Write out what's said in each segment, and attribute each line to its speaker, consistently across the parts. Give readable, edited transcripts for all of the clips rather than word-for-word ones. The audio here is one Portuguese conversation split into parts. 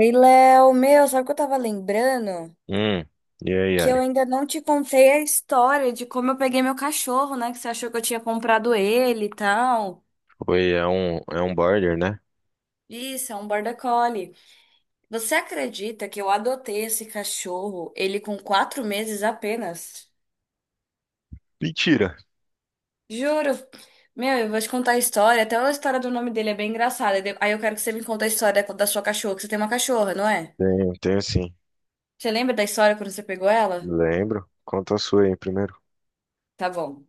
Speaker 1: Ei, Léo, meu, sabe o que eu tava lembrando?
Speaker 2: Hum, e aí,
Speaker 1: Que eu
Speaker 2: Ari?
Speaker 1: ainda não te contei a história de como eu peguei meu cachorro, né? Que você achou que eu tinha comprado ele e tal.
Speaker 2: Oi, é um border, né?
Speaker 1: Isso, é um border collie. Você acredita que eu adotei esse cachorro, ele com quatro meses apenas?
Speaker 2: Mentira.
Speaker 1: Juro. Meu, eu vou te contar a história. Até a história do nome dele é bem engraçada. Aí eu quero que você me conte a história da sua cachorra, que você tem uma cachorra, não é?
Speaker 2: Tenho sim.
Speaker 1: Você lembra da história quando você pegou ela?
Speaker 2: Lembro. Conta a sua aí primeiro.
Speaker 1: Tá bom.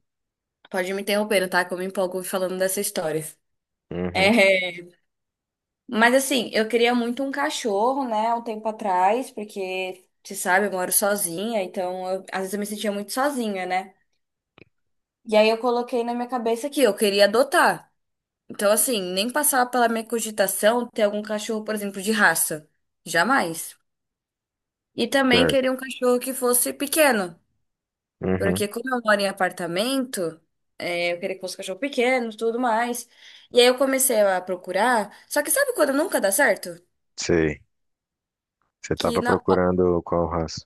Speaker 1: Pode me interromper, tá? Que eu me empolgo falando dessa história.
Speaker 2: Uhum,
Speaker 1: É, mas assim, eu queria muito um cachorro, né, há um tempo atrás, porque, você sabe, eu moro sozinha, então às vezes eu me sentia muito sozinha, né? E aí eu coloquei na minha cabeça que eu queria adotar. Então, assim, nem passava pela minha cogitação ter algum cachorro, por exemplo, de raça. Jamais. E também
Speaker 2: certo.
Speaker 1: queria um cachorro que fosse pequeno,
Speaker 2: Uhum,
Speaker 1: porque como eu moro em apartamento, é, eu queria que fosse um cachorro pequeno, tudo mais. E aí eu comecei a procurar, só que sabe quando nunca dá certo?
Speaker 2: sei. Você
Speaker 1: Que
Speaker 2: tava
Speaker 1: não.
Speaker 2: procurando qual raça?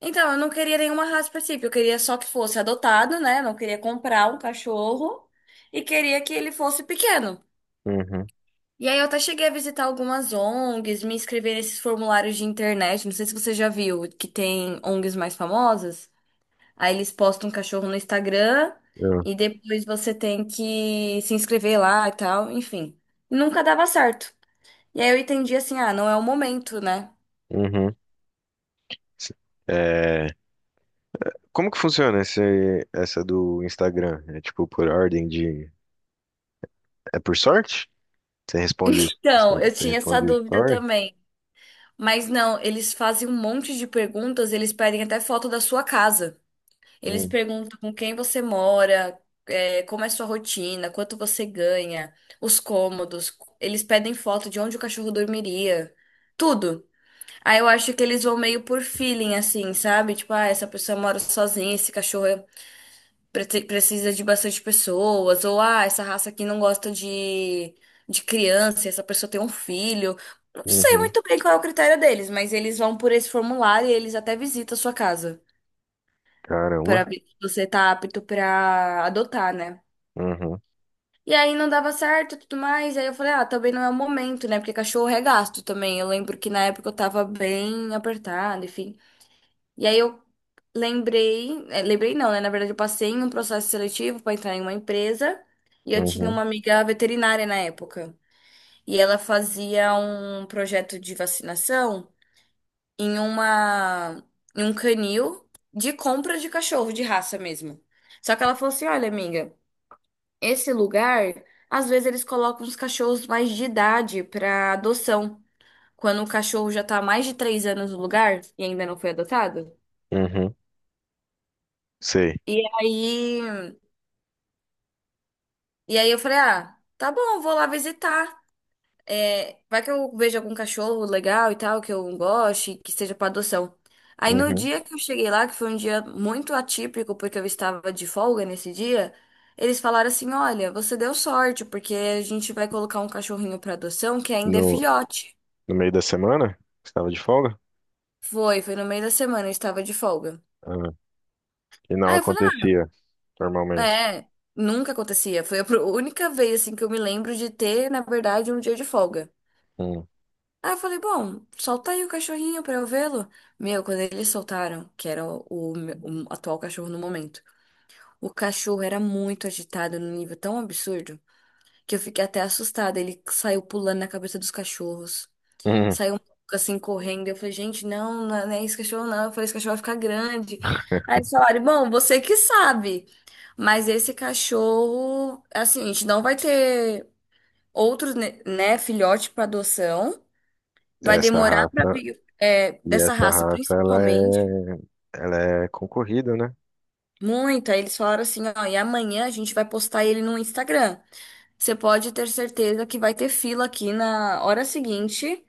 Speaker 1: Então, eu não queria nenhuma raça específica, eu queria só que fosse adotado, né? Não queria comprar um cachorro e queria que ele fosse pequeno.
Speaker 2: Uhum,
Speaker 1: E aí eu até cheguei a visitar algumas ONGs, me inscrever nesses formulários de internet. Não sei se você já viu que tem ONGs mais famosas. Aí eles postam um cachorro no Instagram
Speaker 2: eu-
Speaker 1: e depois você tem que se inscrever lá e tal, enfim. Nunca dava certo. E aí eu entendi assim, ah, não é o momento, né?
Speaker 2: uhum. se- É, como que funciona essa do Instagram? É tipo por ordem de... É por sorte? Você responde,
Speaker 1: Então,
Speaker 2: você
Speaker 1: eu
Speaker 2: você
Speaker 1: tinha essa
Speaker 2: responde o
Speaker 1: dúvida
Speaker 2: story?
Speaker 1: também. Mas não, eles fazem um monte de perguntas, eles pedem até foto da sua casa. Eles
Speaker 2: Hum.
Speaker 1: perguntam com quem você mora, é, como é sua rotina, quanto você ganha, os cômodos. Eles pedem foto de onde o cachorro dormiria, tudo. Aí eu acho que eles vão meio por feeling, assim, sabe? Tipo, ah, essa pessoa mora sozinha, esse cachorro é precisa de bastante pessoas, ou ah, essa raça aqui não gosta de criança, e essa pessoa tem um filho. Não sei
Speaker 2: Uhum,
Speaker 1: muito bem qual é o critério deles, mas eles vão por esse formulário e eles até visitam a sua casa para
Speaker 2: caramba.
Speaker 1: ver se você tá apto para adotar, né?
Speaker 2: Uhum,
Speaker 1: E aí não dava certo e tudo mais. Aí eu falei, ah, também não é o momento, né? Porque cachorro é gasto também. Eu lembro que na época eu tava bem apertada, enfim. E aí eu lembrei, lembrei não, né? Na verdade, eu passei em um processo seletivo para entrar em uma empresa e eu tinha
Speaker 2: uhum,
Speaker 1: uma amiga veterinária na época. E ela fazia um projeto de vacinação em uma em um canil de compra de cachorro de raça mesmo. Só que ela falou assim: "Olha, amiga, esse lugar, às vezes eles colocam os cachorros mais de idade para adoção, quando o cachorro já tá há mais de três anos no lugar e ainda não foi adotado."
Speaker 2: uhum. Sei.
Speaker 1: E aí E aí eu falei, ah, tá bom, vou lá visitar. É, vai que eu vejo algum cachorro legal e tal, que eu goste, que seja para adoção. Aí no
Speaker 2: Uhum.
Speaker 1: dia que eu cheguei lá, que foi um dia muito atípico, porque eu estava de folga nesse dia, eles falaram assim, olha, você deu sorte, porque a gente vai colocar um cachorrinho para adoção que ainda é
Speaker 2: No,
Speaker 1: filhote.
Speaker 2: No meio da semana? Você estava de folga?
Speaker 1: Foi no meio da semana, eu estava de folga.
Speaker 2: Ah, e não
Speaker 1: Aí eu falei,
Speaker 2: acontecia
Speaker 1: ah,
Speaker 2: normalmente.
Speaker 1: é, nunca acontecia. Foi a única vez, assim, que eu me lembro de ter, na verdade, um dia de folga.
Speaker 2: Hum.
Speaker 1: Aí eu falei, bom, solta aí o cachorrinho pra eu vê-lo. Meu, quando eles soltaram, que era o me- o atual cachorro no momento, o cachorro era muito agitado num nível tão absurdo que eu fiquei até assustada. Ele saiu pulando na cabeça dos cachorros,
Speaker 2: Hum.
Speaker 1: saiu um pouco assim correndo. Eu falei, gente, não, não é esse cachorro, não. Eu falei, esse cachorro vai ficar grande. Aí eles falaram, bom, você que sabe, mas esse cachorro, assim, a gente não vai ter outros, filhote pra adoção. Vai
Speaker 2: Essa
Speaker 1: demorar para
Speaker 2: raça,
Speaker 1: é,
Speaker 2: e
Speaker 1: dessa
Speaker 2: essa
Speaker 1: raça,
Speaker 2: raça, ela
Speaker 1: principalmente.
Speaker 2: é, ela é concorrida, né?
Speaker 1: Muito. Aí eles falaram assim, ó, e amanhã a gente vai postar ele no Instagram. Você pode ter certeza que vai ter fila aqui na hora seguinte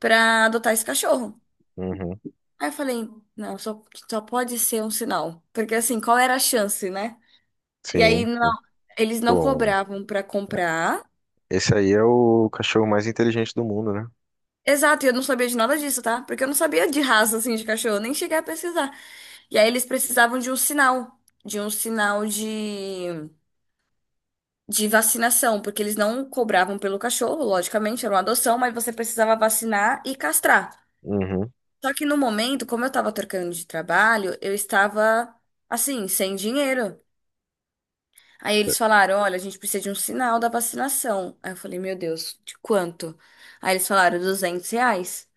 Speaker 1: pra adotar esse cachorro.
Speaker 2: Uhum.
Speaker 1: Aí eu falei, não, só pode ser um sinal. Porque assim, qual era a chance, né? E aí
Speaker 2: Sim,
Speaker 1: não,
Speaker 2: sim.
Speaker 1: eles não
Speaker 2: Bom,
Speaker 1: cobravam pra comprar.
Speaker 2: esse aí é o cachorro mais inteligente do mundo, né?
Speaker 1: Exato, e eu não sabia de nada disso, tá? Porque eu não sabia de raça assim de cachorro, nem cheguei a pesquisar. E aí eles precisavam de um sinal, de um sinal de vacinação, porque eles não cobravam pelo cachorro, logicamente, era uma adoção, mas você precisava vacinar e castrar.
Speaker 2: Uhum.
Speaker 1: Só que no momento, como eu estava trocando de trabalho, eu estava assim, sem dinheiro. Aí eles falaram: olha, a gente precisa de um sinal da vacinação. Aí eu falei: meu Deus, de quanto? Aí eles falaram: 200 reais.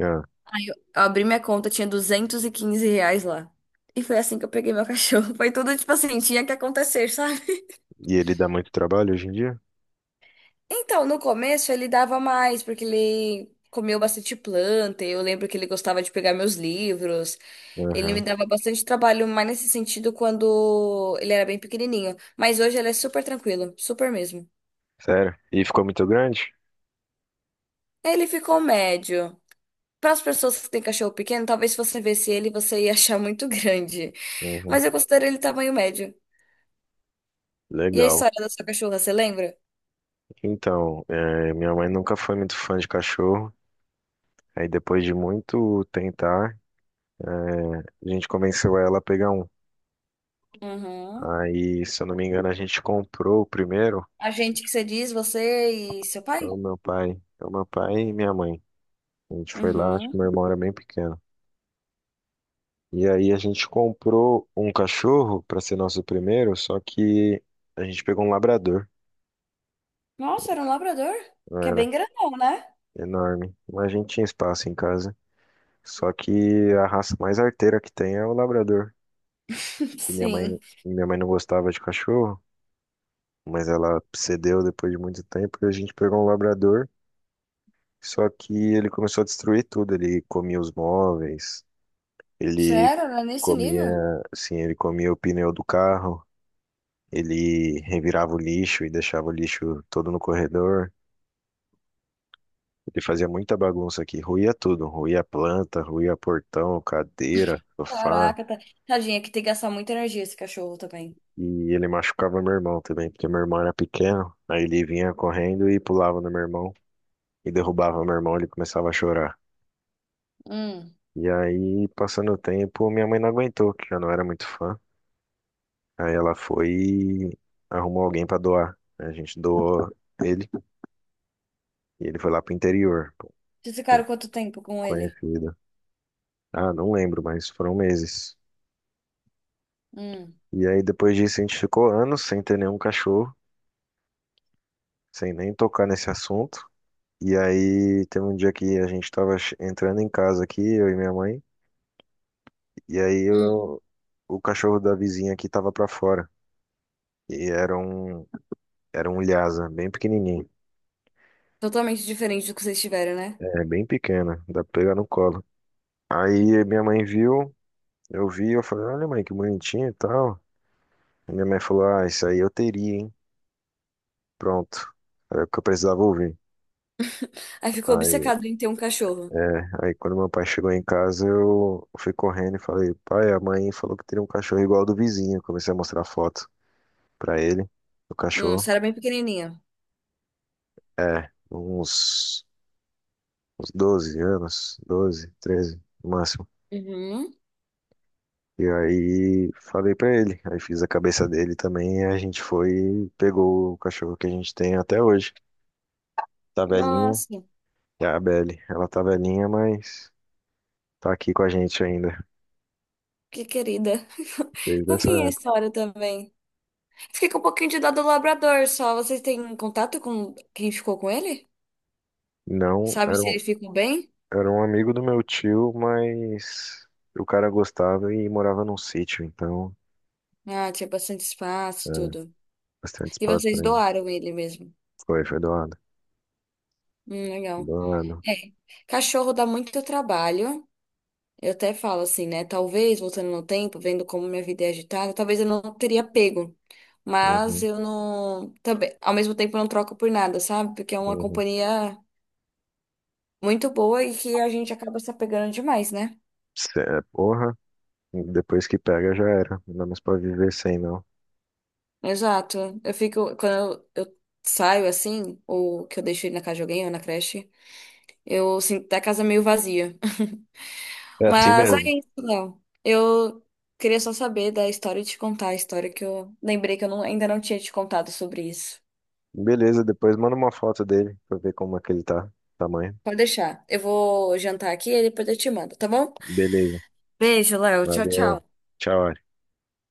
Speaker 2: Ah,
Speaker 1: Aí eu abri minha conta, tinha 215 reais lá. E foi assim que eu peguei meu cachorro. Foi tudo, tipo assim, tinha que acontecer.
Speaker 2: e ele dá muito trabalho hoje em dia?
Speaker 1: Então, no começo ele dava mais, porque ele comeu bastante planta. Eu lembro que ele gostava de pegar meus livros. Ele me
Speaker 2: Uhum.
Speaker 1: dava bastante trabalho, mais nesse sentido, quando ele era bem pequenininho. Mas hoje ele é super tranquilo, super mesmo.
Speaker 2: Sério? E ficou muito grande?
Speaker 1: Ele ficou médio. Para as pessoas que têm cachorro pequeno, talvez se você visse ele, você ia achar muito grande.
Speaker 2: Uhum.
Speaker 1: Mas eu considero ele tamanho médio. E a
Speaker 2: Legal.
Speaker 1: história da sua cachorra, você lembra?
Speaker 2: Então, minha mãe nunca foi muito fã de cachorro. Aí depois de muito tentar, é, a gente convenceu ela a pegar um.
Speaker 1: Uhum.
Speaker 2: Aí, se eu não me engano, a gente comprou o primeiro.
Speaker 1: A gente que você diz, você e seu pai?
Speaker 2: Então, meu pai e minha mãe. A gente foi lá, acho que
Speaker 1: Uhum.
Speaker 2: meu irmão era bem pequeno. E aí a gente comprou um cachorro para ser nosso primeiro, só que a gente pegou um labrador.
Speaker 1: Nossa, era um labrador? Que é
Speaker 2: Era
Speaker 1: bem grandão, né?
Speaker 2: enorme. Mas a gente tinha espaço em casa. Só que a raça mais arteira que tem é o labrador. E minha mãe,
Speaker 1: Sim.
Speaker 2: minha mãe não gostava de cachorro, mas ela cedeu depois de muito tempo e a gente pegou um labrador. Só que ele começou a destruir tudo. Ele comia os móveis, ele
Speaker 1: Sério? Era né? Nesse
Speaker 2: comia,
Speaker 1: nível?
Speaker 2: ele comia o pneu do carro, ele revirava o lixo e deixava o lixo todo no corredor. Ele fazia muita bagunça aqui, ruía tudo, ruía planta, ruía portão, cadeira, sofá.
Speaker 1: Caraca, tá... tadinha, que tem que gastar muita energia esse cachorro também.
Speaker 2: E ele machucava meu irmão também, porque meu irmão era pequeno. Aí ele vinha correndo e pulava no meu irmão e derrubava meu irmão, ele começava a chorar.
Speaker 1: Hum.
Speaker 2: E aí, passando o tempo, minha mãe não aguentou, que já não era muito fã. Aí ela foi e arrumou alguém pra doar, né? A gente doou ele e ele foi lá pro interior, pra
Speaker 1: Vocês
Speaker 2: um
Speaker 1: ficaram quanto tempo com ele?
Speaker 2: conhecido. Ah, não lembro, mas foram meses.
Speaker 1: Hum.
Speaker 2: E aí depois disso a gente ficou anos sem ter nenhum cachorro, sem nem tocar nesse assunto. E aí teve um dia que a gente tava entrando em casa aqui, eu e minha mãe, e aí
Speaker 1: Hum.
Speaker 2: eu- o cachorro da vizinha aqui tava pra fora. E era um Lhasa, bem pequenininho,
Speaker 1: Totalmente diferente do que vocês tiveram, né?
Speaker 2: é bem pequena, dá pra pegar no colo. Aí minha mãe viu, Eu vi, eu falei, olha, mãe, que bonitinho e tal. E minha mãe falou, ah, isso aí eu teria, hein? Pronto. Era o que eu precisava ouvir.
Speaker 1: Aí ficou
Speaker 2: Aí,
Speaker 1: obcecado em ter um cachorro.
Speaker 2: aí quando meu pai chegou em casa, eu fui correndo e falei, pai, a mãe falou que teria um cachorro igual ao do vizinho. Comecei a mostrar foto pra ele, do cachorro.
Speaker 1: Você era bem pequenininha.
Speaker 2: É, uns 12 anos, 12, 13 no máximo.
Speaker 1: Uhum.
Speaker 2: E aí falei pra ele, aí fiz a cabeça dele também, e a gente foi e pegou o cachorro que a gente tem até hoje. Tá velhinho.
Speaker 1: Nossa,
Speaker 2: É a Belle. Ela tá velhinha, mas tá aqui com a gente ainda,
Speaker 1: que querida.
Speaker 2: desde essa
Speaker 1: Fofinha a
Speaker 2: época.
Speaker 1: história também. Fiquei com um pouquinho de dó do labrador só. Vocês têm contato com quem ficou com ele?
Speaker 2: Não,
Speaker 1: Sabe se ele ficou bem?
Speaker 2: era um amigo do meu tio, mas o cara gostava e morava num sítio, então
Speaker 1: Ah, tinha bastante
Speaker 2: é,
Speaker 1: espaço, tudo.
Speaker 2: bastante
Speaker 1: E
Speaker 2: espaço
Speaker 1: vocês
Speaker 2: pra ele.
Speaker 1: doaram ele mesmo.
Speaker 2: Foi, foi doado.
Speaker 1: Legal.
Speaker 2: Doado.
Speaker 1: É. Cachorro dá muito trabalho. Eu até falo assim, né? Talvez, voltando no tempo, vendo como minha vida é agitada, talvez eu não teria pego. Mas
Speaker 2: Uhum,
Speaker 1: eu não. Também, ao mesmo tempo, eu não troco por nada, sabe? Porque é uma
Speaker 2: uhum.
Speaker 1: companhia muito boa e que a gente acaba se apegando demais, né?
Speaker 2: Cê, porra, depois que pega já era. Não dá mais pra viver sem, não.
Speaker 1: Exato. Eu fico. Quando eu saio assim, ou que eu deixo ele na casa de alguém ou na creche, eu sinto até a casa meio vazia.
Speaker 2: É assim
Speaker 1: Mas é
Speaker 2: mesmo.
Speaker 1: isso, Léo. Eu queria só saber da história e te contar a história que eu lembrei que eu ainda não tinha te contado sobre isso.
Speaker 2: Beleza, depois manda uma foto dele pra ver como é que ele tá. Tamanho.
Speaker 1: Pode deixar. Eu vou jantar aqui e depois eu te mando, tá bom?
Speaker 2: Beleza.
Speaker 1: Beijo, Léo. Tchau,
Speaker 2: Valeu.
Speaker 1: tchau.
Speaker 2: Tchau.